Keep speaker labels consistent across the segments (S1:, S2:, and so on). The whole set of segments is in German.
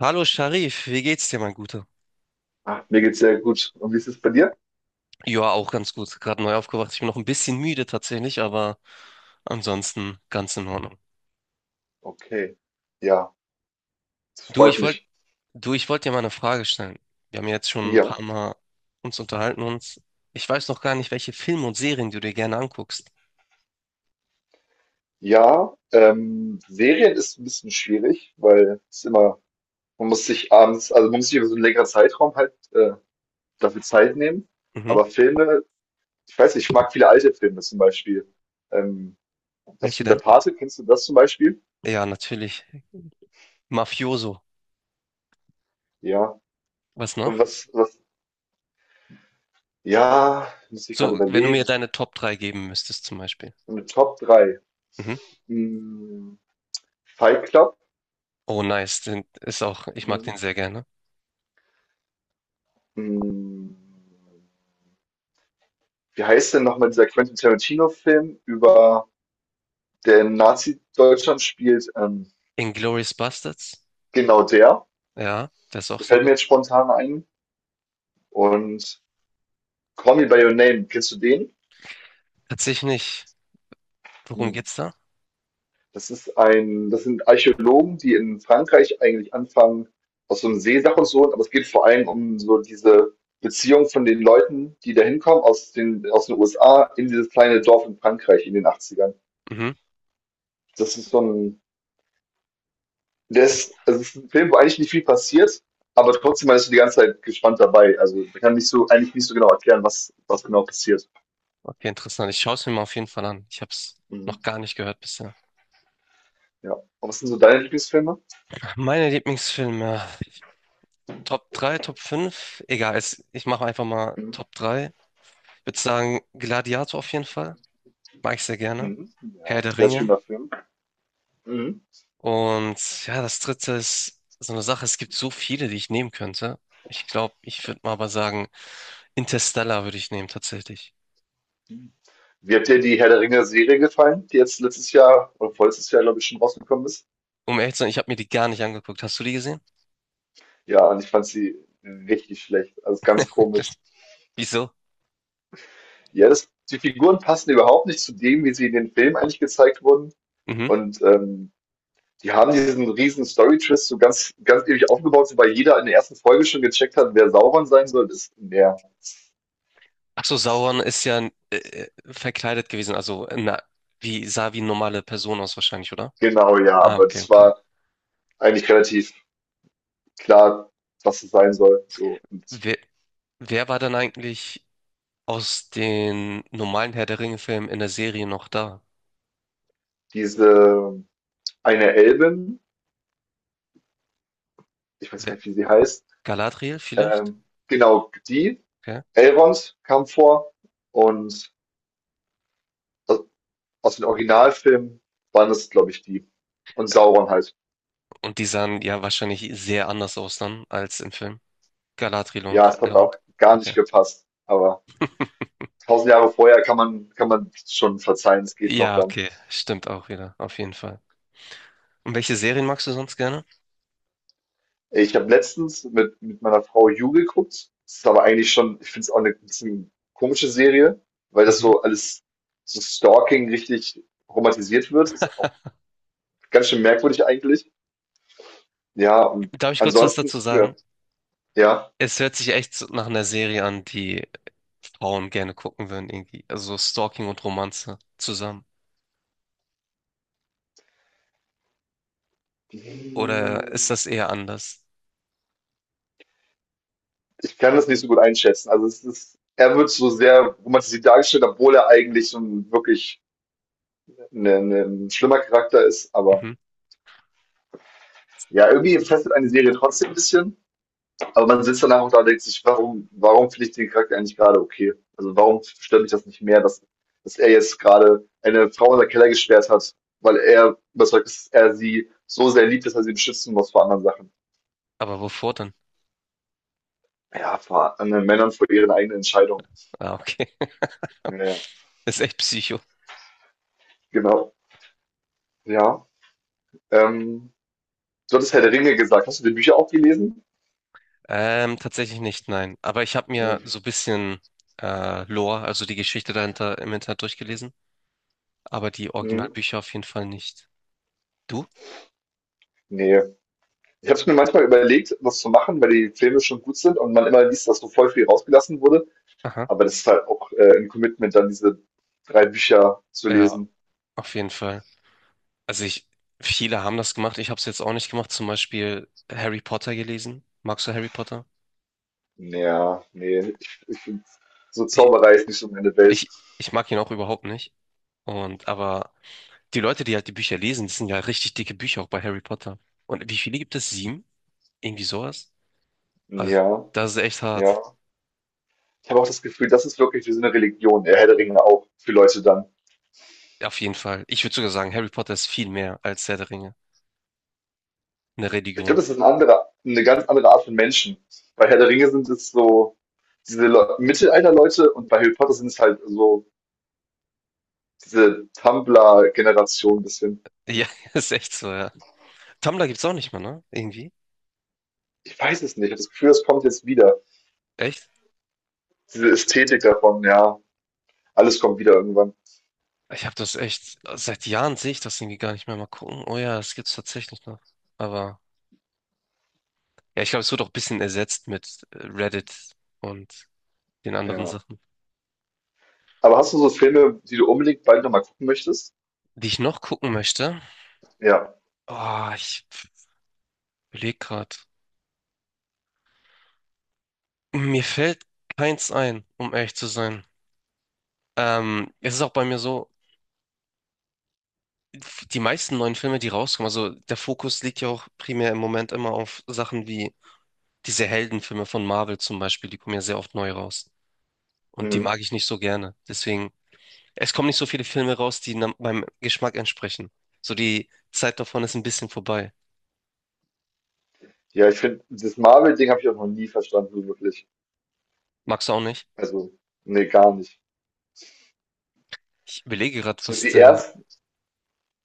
S1: Hallo Sharif, wie geht's dir, mein Guter?
S2: Ah, mir geht's sehr gut. Und wie ist es bei dir?
S1: Ja, auch ganz gut. Gerade neu aufgewacht. Ich bin noch ein bisschen müde tatsächlich, aber ansonsten ganz in Ordnung.
S2: Okay. Ja, das
S1: Du,
S2: freut
S1: ich wollte,
S2: mich.
S1: Du, ich wollte dir mal eine Frage stellen. Wir haben ja jetzt schon ein
S2: Ja.
S1: paar Mal uns unterhalten und ich weiß noch gar nicht, welche Filme und Serien du dir gerne anguckst.
S2: Ja, Serien ist ein bisschen schwierig, weil es ist immer, man muss sich abends, also man muss sich über so einen längeren Zeitraum halt dafür Zeit nehmen.
S1: Mhm.
S2: Aber Filme, ich weiß nicht, ich mag viele alte Filme zum Beispiel. Ähm, hast
S1: Welche
S2: du in der
S1: denn?
S2: Pate, kennst du das zum Beispiel?
S1: Ja, natürlich. Mafioso.
S2: Ja.
S1: Was
S2: Und
S1: noch?
S2: was, was, ja, muss ich gerade
S1: So, wenn du mir
S2: überlegen.
S1: deine Top 3 geben müsstest zum Beispiel.
S2: Eine Top drei.
S1: Mhm.
S2: Hm, Fight Club.
S1: Oh, nice. Den ist auch, ich mag den
S2: Mhm.
S1: sehr gerne.
S2: Hm, Wie heißt denn nochmal dieser Quentin Tarantino-Film über der in Nazi-Deutschland spielt?
S1: Inglourious Basterds.
S2: Genau der.
S1: Ja, der ist auch sehr
S2: Gefällt mir
S1: gut.
S2: jetzt spontan ein. Und Call Me by Your Name, kennst du den?
S1: Tatsächlich nicht. Worum
S2: Hm.
S1: geht's da?
S2: Das sind Archäologen, die in Frankreich eigentlich anfangen, aus so einem See-Sachen zu holen, aber es geht vor allem um so diese Beziehung von den Leuten, die da hinkommen aus den USA in dieses kleine Dorf in Frankreich in den Achtzigern.
S1: Mhm.
S2: Das ist so ein Der ist, also es ist ein Film, wo eigentlich nicht viel passiert, aber trotzdem man ist die ganze Zeit gespannt dabei. Also man kann nicht so, eigentlich nicht so genau erklären, was genau passiert.
S1: Okay, interessant. Ich schaue es mir mal auf jeden Fall an. Ich habe es
S2: Mhm.
S1: noch gar nicht gehört bisher.
S2: Ja. Und was sind so deine Lieblingsfilme?
S1: Meine Lieblingsfilme. Top 3, Top fünf, egal, es, ich mache einfach mal
S2: Mhm.
S1: Top drei. Ich würde sagen, Gladiator auf jeden Fall. Mag ich sehr gerne.
S2: Mhm.
S1: Herr
S2: Ja,
S1: der
S2: sehr
S1: Ringe.
S2: schöner Film. Mhm.
S1: Und ja, das dritte ist so eine Sache, es gibt so viele, die ich nehmen könnte. Ich glaube, ich würde mal aber sagen, Interstellar würde ich nehmen, tatsächlich.
S2: Wie hat dir die Herr der Ringe-Serie gefallen, die jetzt letztes Jahr oder vorletztes Jahr, glaube ich, schon rausgekommen ist?
S1: Um ehrlich zu sein, ich habe mir die gar nicht angeguckt. Hast du die gesehen?
S2: Ja, und ich fand sie richtig schlecht. Also ganz
S1: Das,
S2: komisch.
S1: wieso?
S2: Ja, die Figuren passen überhaupt nicht zu dem, wie sie in den Filmen eigentlich gezeigt wurden.
S1: Mhm.
S2: Und die haben diesen riesen Story-Twist so ganz, ganz ewig aufgebaut, so weil jeder in der ersten Folge schon gecheckt hat, wer Sauron sein soll.
S1: Ach so,
S2: Das,
S1: Sauron ist ja verkleidet gewesen, also na, wie sah wie eine normale Person aus wahrscheinlich, oder?
S2: genau, ja,
S1: Ah,
S2: aber
S1: okay,
S2: das
S1: okay.
S2: war eigentlich relativ klar, was es sein soll. So, und
S1: Wer, wer war dann eigentlich aus den normalen Herr der Ringe-Filmen in der Serie noch da?
S2: diese eine Elbin, ich weiß gar
S1: Wer,
S2: nicht, wie sie heißt,
S1: Galadriel vielleicht?
S2: genau,
S1: Okay.
S2: Elrond kam vor und aus- aus den Originalfilmen waren es, glaube ich, die. Und Sauron halt.
S1: Und die sahen ja wahrscheinlich sehr anders aus dann als im Film. Galadriel
S2: Ja,
S1: und
S2: es hat auch
S1: Elrond.
S2: gar nicht
S1: Okay.
S2: gepasst, aber tausend Jahre vorher kann man schon verzeihen, es geht noch
S1: Ja,
S2: dann.
S1: okay. Stimmt auch wieder. Auf jeden Fall. Und welche Serien magst du sonst gerne?
S2: Ich habe letztens mit meiner Frau You geguckt. Das ist aber eigentlich schon ich finde es auch eine bisschen komische Serie, weil das
S1: Mhm.
S2: so alles so Stalking richtig romantisiert wird. Ist auch ganz schön merkwürdig eigentlich. Ja, und
S1: Darf ich kurz was
S2: ansonsten
S1: dazu
S2: gucken
S1: sagen?
S2: wir ja.
S1: Es hört sich echt so nach einer Serie an, die Frauen gerne gucken würden, irgendwie. Also so Stalking und Romanze zusammen. Oder ist
S2: Hm,
S1: das eher anders?
S2: Ich kann das nicht so gut einschätzen. Also, es ist er wird so sehr romantisiert dargestellt, obwohl er eigentlich so 'n wirklich 'ne 'ne 'n schlimmer Charakter ist, aber.
S1: Mhm.
S2: Ja, irgendwie fesselt eine Serie trotzdem ein bisschen, aber man sitzt danach auch da und denkt sich, warum finde ich den Charakter eigentlich gerade okay? Also warum stört mich das nicht mehr, dass er jetzt gerade eine Frau in der Keller gesperrt hat, weil er überzeugt ist, dass er sie so sehr liebt, dass er sie beschützen muss vor anderen Sachen.
S1: Aber wovor denn?
S2: Ja, vor anderen Männern, vor ihren eigenen Entscheidungen.
S1: Ah, okay.
S2: Ja,
S1: Ist echt Psycho.
S2: genau. Ja. Ähm, du hattest Herr der Ringe gesagt. Hast du die Bücher auch gelesen?
S1: Tatsächlich nicht, nein. Aber ich habe mir
S2: Mhm.
S1: so ein bisschen Lore, also die Geschichte dahinter im Internet durchgelesen, aber die
S2: Mhm.
S1: Originalbücher auf jeden Fall nicht. Du?
S2: Nee. Ich habe es mir manchmal überlegt, das zu machen, weil die Filme schon gut sind und man immer liest, dass so voll viel rausgelassen wurde.
S1: Aha.
S2: Aber das ist halt auch ein Commitment, dann diese drei Bücher zu
S1: Ja,
S2: lesen.
S1: auf jeden Fall. Also ich, viele haben das gemacht, ich habe es jetzt auch nicht gemacht, zum Beispiel Harry Potter gelesen. Magst du Harry Potter?
S2: Ja, nee, ich find, so
S1: Ich,
S2: Zauberei ist nicht so meine Welt.
S1: ich mag ihn auch überhaupt nicht. Und aber die Leute, die halt die Bücher lesen, das sind ja richtig dicke Bücher auch bei Harry Potter. Und wie viele gibt es? Sieben? Irgendwie sowas? Also
S2: Ja,
S1: das ist echt
S2: ja.
S1: hart.
S2: Ich habe auch das Gefühl, das ist wirklich wie so eine Religion, der Herr der Ringe auch für Leute dann.
S1: Auf jeden Fall. Ich würde sogar sagen, Harry Potter ist viel mehr als Herr der Ringe. Eine
S2: Ich
S1: Religion.
S2: glaube, das ist eine ganz andere Art von Menschen. Bei Herr der Ringe sind es so diese Le Mittelalter-Leute und bei Harry Potter sind es halt so diese Tumblr-Generation ein bisschen.
S1: Ja, ist echt so, ja. Tumblr gibt's auch nicht mehr, ne? Irgendwie.
S2: Ich weiß es nicht. Ich habe das Gefühl, es kommt jetzt wieder.
S1: Echt?
S2: Diese Ästhetik davon, ja. Alles kommt wieder irgendwann.
S1: Ich habe das echt, seit Jahren sehe ich das irgendwie gar nicht mehr. Mal gucken. Oh ja, es gibt's tatsächlich noch. Aber ja, ich glaube, es wird auch ein bisschen ersetzt mit Reddit und den anderen
S2: Ja.
S1: Sachen.
S2: Aber hast du so Filme, die du unbedingt bald nochmal gucken möchtest?
S1: Die ich noch gucken möchte.
S2: Ja.
S1: Oh, ich überlege gerade. Mir fällt keins ein, um ehrlich zu sein. Es ist auch bei mir so, die meisten neuen Filme, die rauskommen, also der Fokus liegt ja auch primär im Moment immer auf Sachen wie diese Heldenfilme von Marvel zum Beispiel, die kommen ja sehr oft neu raus. Und die mag
S2: Mhm.
S1: ich nicht so gerne. Deswegen, es kommen nicht so viele Filme raus, die meinem Geschmack entsprechen. So die Zeit davon ist ein bisschen vorbei.
S2: Ja, ich finde, das Marvel-Ding habe ich auch noch nie verstanden, so wirklich.
S1: Magst du auch nicht?
S2: Also, nee, gar nicht.
S1: Ich überlege gerade,
S2: So
S1: was der.
S2: ersten,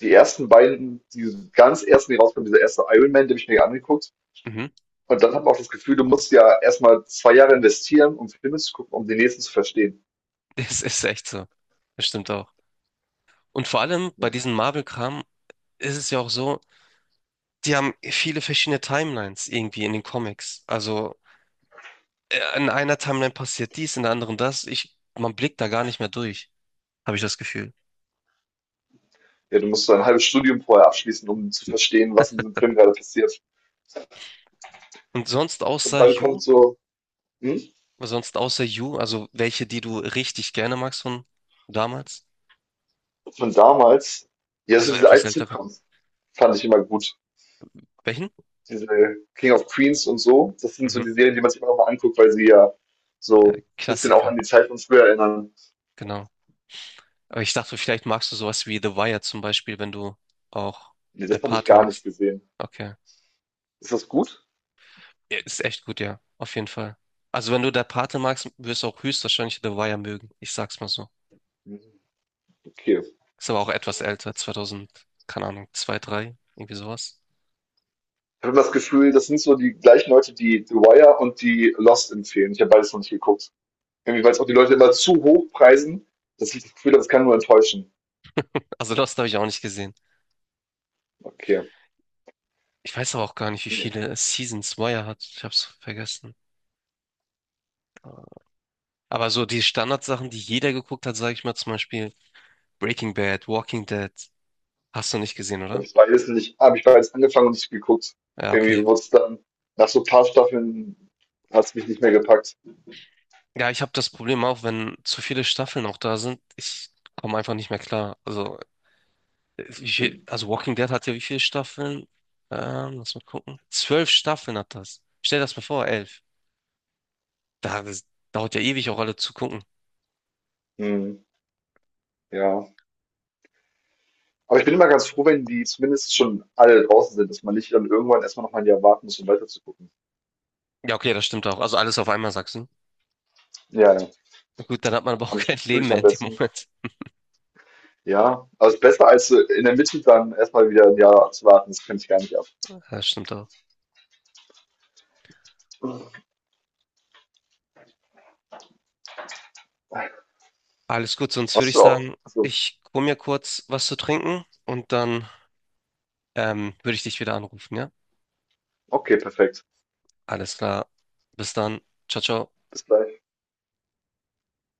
S2: die ersten beiden, die ganz ersten, die rauskommen, dieser erste Iron Man, den habe ich mir angeguckt.
S1: Mhm.
S2: Und dann habe ich auch das Gefühl, du musst ja erstmal 2 Jahre investieren, um Filme zu gucken, um den nächsten zu verstehen.
S1: Es ist echt so. Das stimmt auch. Und vor allem bei
S2: Hm.
S1: diesem Marvel-Kram ist es ja auch so, die haben viele verschiedene Timelines irgendwie in den Comics. Also in einer Timeline passiert dies, in der anderen das. Ich, man blickt da gar nicht mehr durch, habe ich das Gefühl.
S2: Ja, du musst so ein halbes Studium vorher abschließen, um zu verstehen, was in diesem Film gerade passiert.
S1: Und
S2: Und dann kommt so, hm,
S1: Sonst außer You, also welche, die du richtig gerne magst von damals,
S2: von damals, ja, so
S1: also
S2: diese
S1: etwas
S2: alten
S1: ältere.
S2: Sitcoms fand ich immer gut.
S1: Welchen?
S2: Diese King of Queens und so, das sind so
S1: Mhm.
S2: die Serien, die man sich immer noch mal anguckt, weil sie ja so ein bisschen auch
S1: Klassiker,
S2: an die Zeit von früher erinnern.
S1: genau. Aber ich dachte, vielleicht magst du sowas wie The Wire zum Beispiel, wenn du auch
S2: Nee,
S1: Der
S2: das habe ich
S1: Pate
S2: gar nicht
S1: magst.
S2: gesehen.
S1: Okay.
S2: Ist das gut?
S1: Ja, ist echt gut, ja. Auf jeden Fall. Also wenn du Der Pate magst, wirst du auch höchstwahrscheinlich The Wire mögen. Ich sag's mal so.
S2: Mhm, okay.
S1: Ist aber auch etwas älter, 2000, keine Ahnung, 2 3 irgendwie sowas.
S2: Ich habe das Gefühl, das sind so die gleichen Leute, die The Wire und die Lost empfehlen. Ich habe beides noch nicht geguckt. Irgendwie, weil es auch die Leute immer zu hoch preisen, dass ich das Gefühl habe, es kann nur enttäuschen.
S1: Also Lost habe ich auch nicht gesehen.
S2: Okay.
S1: Ich weiß aber auch gar nicht, wie
S2: Nee.
S1: viele Seasons Wire hat. Ich habe es vergessen. Aber so die Standardsachen, die jeder geguckt hat, sage ich mal zum Beispiel Breaking Bad, Walking Dead, hast du nicht gesehen,
S2: Und
S1: oder?
S2: ich weiß nicht, habe ich bereits angefangen und nicht geguckt.
S1: Ja,
S2: Irgendwie
S1: okay.
S2: wurde es dann, nach so ein paar Staffeln hat es mich nicht mehr gepackt.
S1: Ja, ich habe das Problem auch, wenn zu viele Staffeln auch da sind, ich komme einfach nicht mehr klar. Also, wie viel, also Walking Dead hat ja wie viele Staffeln? Lass mal gucken. 12 Staffeln hat das. Stell das mal vor, 11. Da, das dauert ja ewig auch alle zu gucken.
S2: Hm, ja. Aber ich bin immer ganz froh, wenn die zumindest schon alle draußen sind, dass man nicht dann irgendwann erstmal noch mal ein Jahr warten muss, um weiter zu gucken.
S1: Ja, okay, das stimmt auch. Also alles auf einmal, sagst du.
S2: Ja, ja.
S1: Na gut, dann hat man aber auch
S2: Am
S1: kein
S2: Stück
S1: Leben
S2: durch
S1: mehr
S2: am
S1: in dem
S2: besten.
S1: Moment.
S2: Ja, also ist besser als in der Mitte dann erstmal wieder ein Jahr zu warten. Das könnte ich gar nicht ab.
S1: Ja, das stimmt auch. Alles gut, sonst würde
S2: Hast
S1: ich
S2: du auch?
S1: sagen,
S2: Also,
S1: ich hol mir kurz was zu trinken und dann würde ich dich wieder anrufen, ja?
S2: okay, perfekt.
S1: Alles klar. Bis dann. Ciao, ciao.
S2: Bis gleich.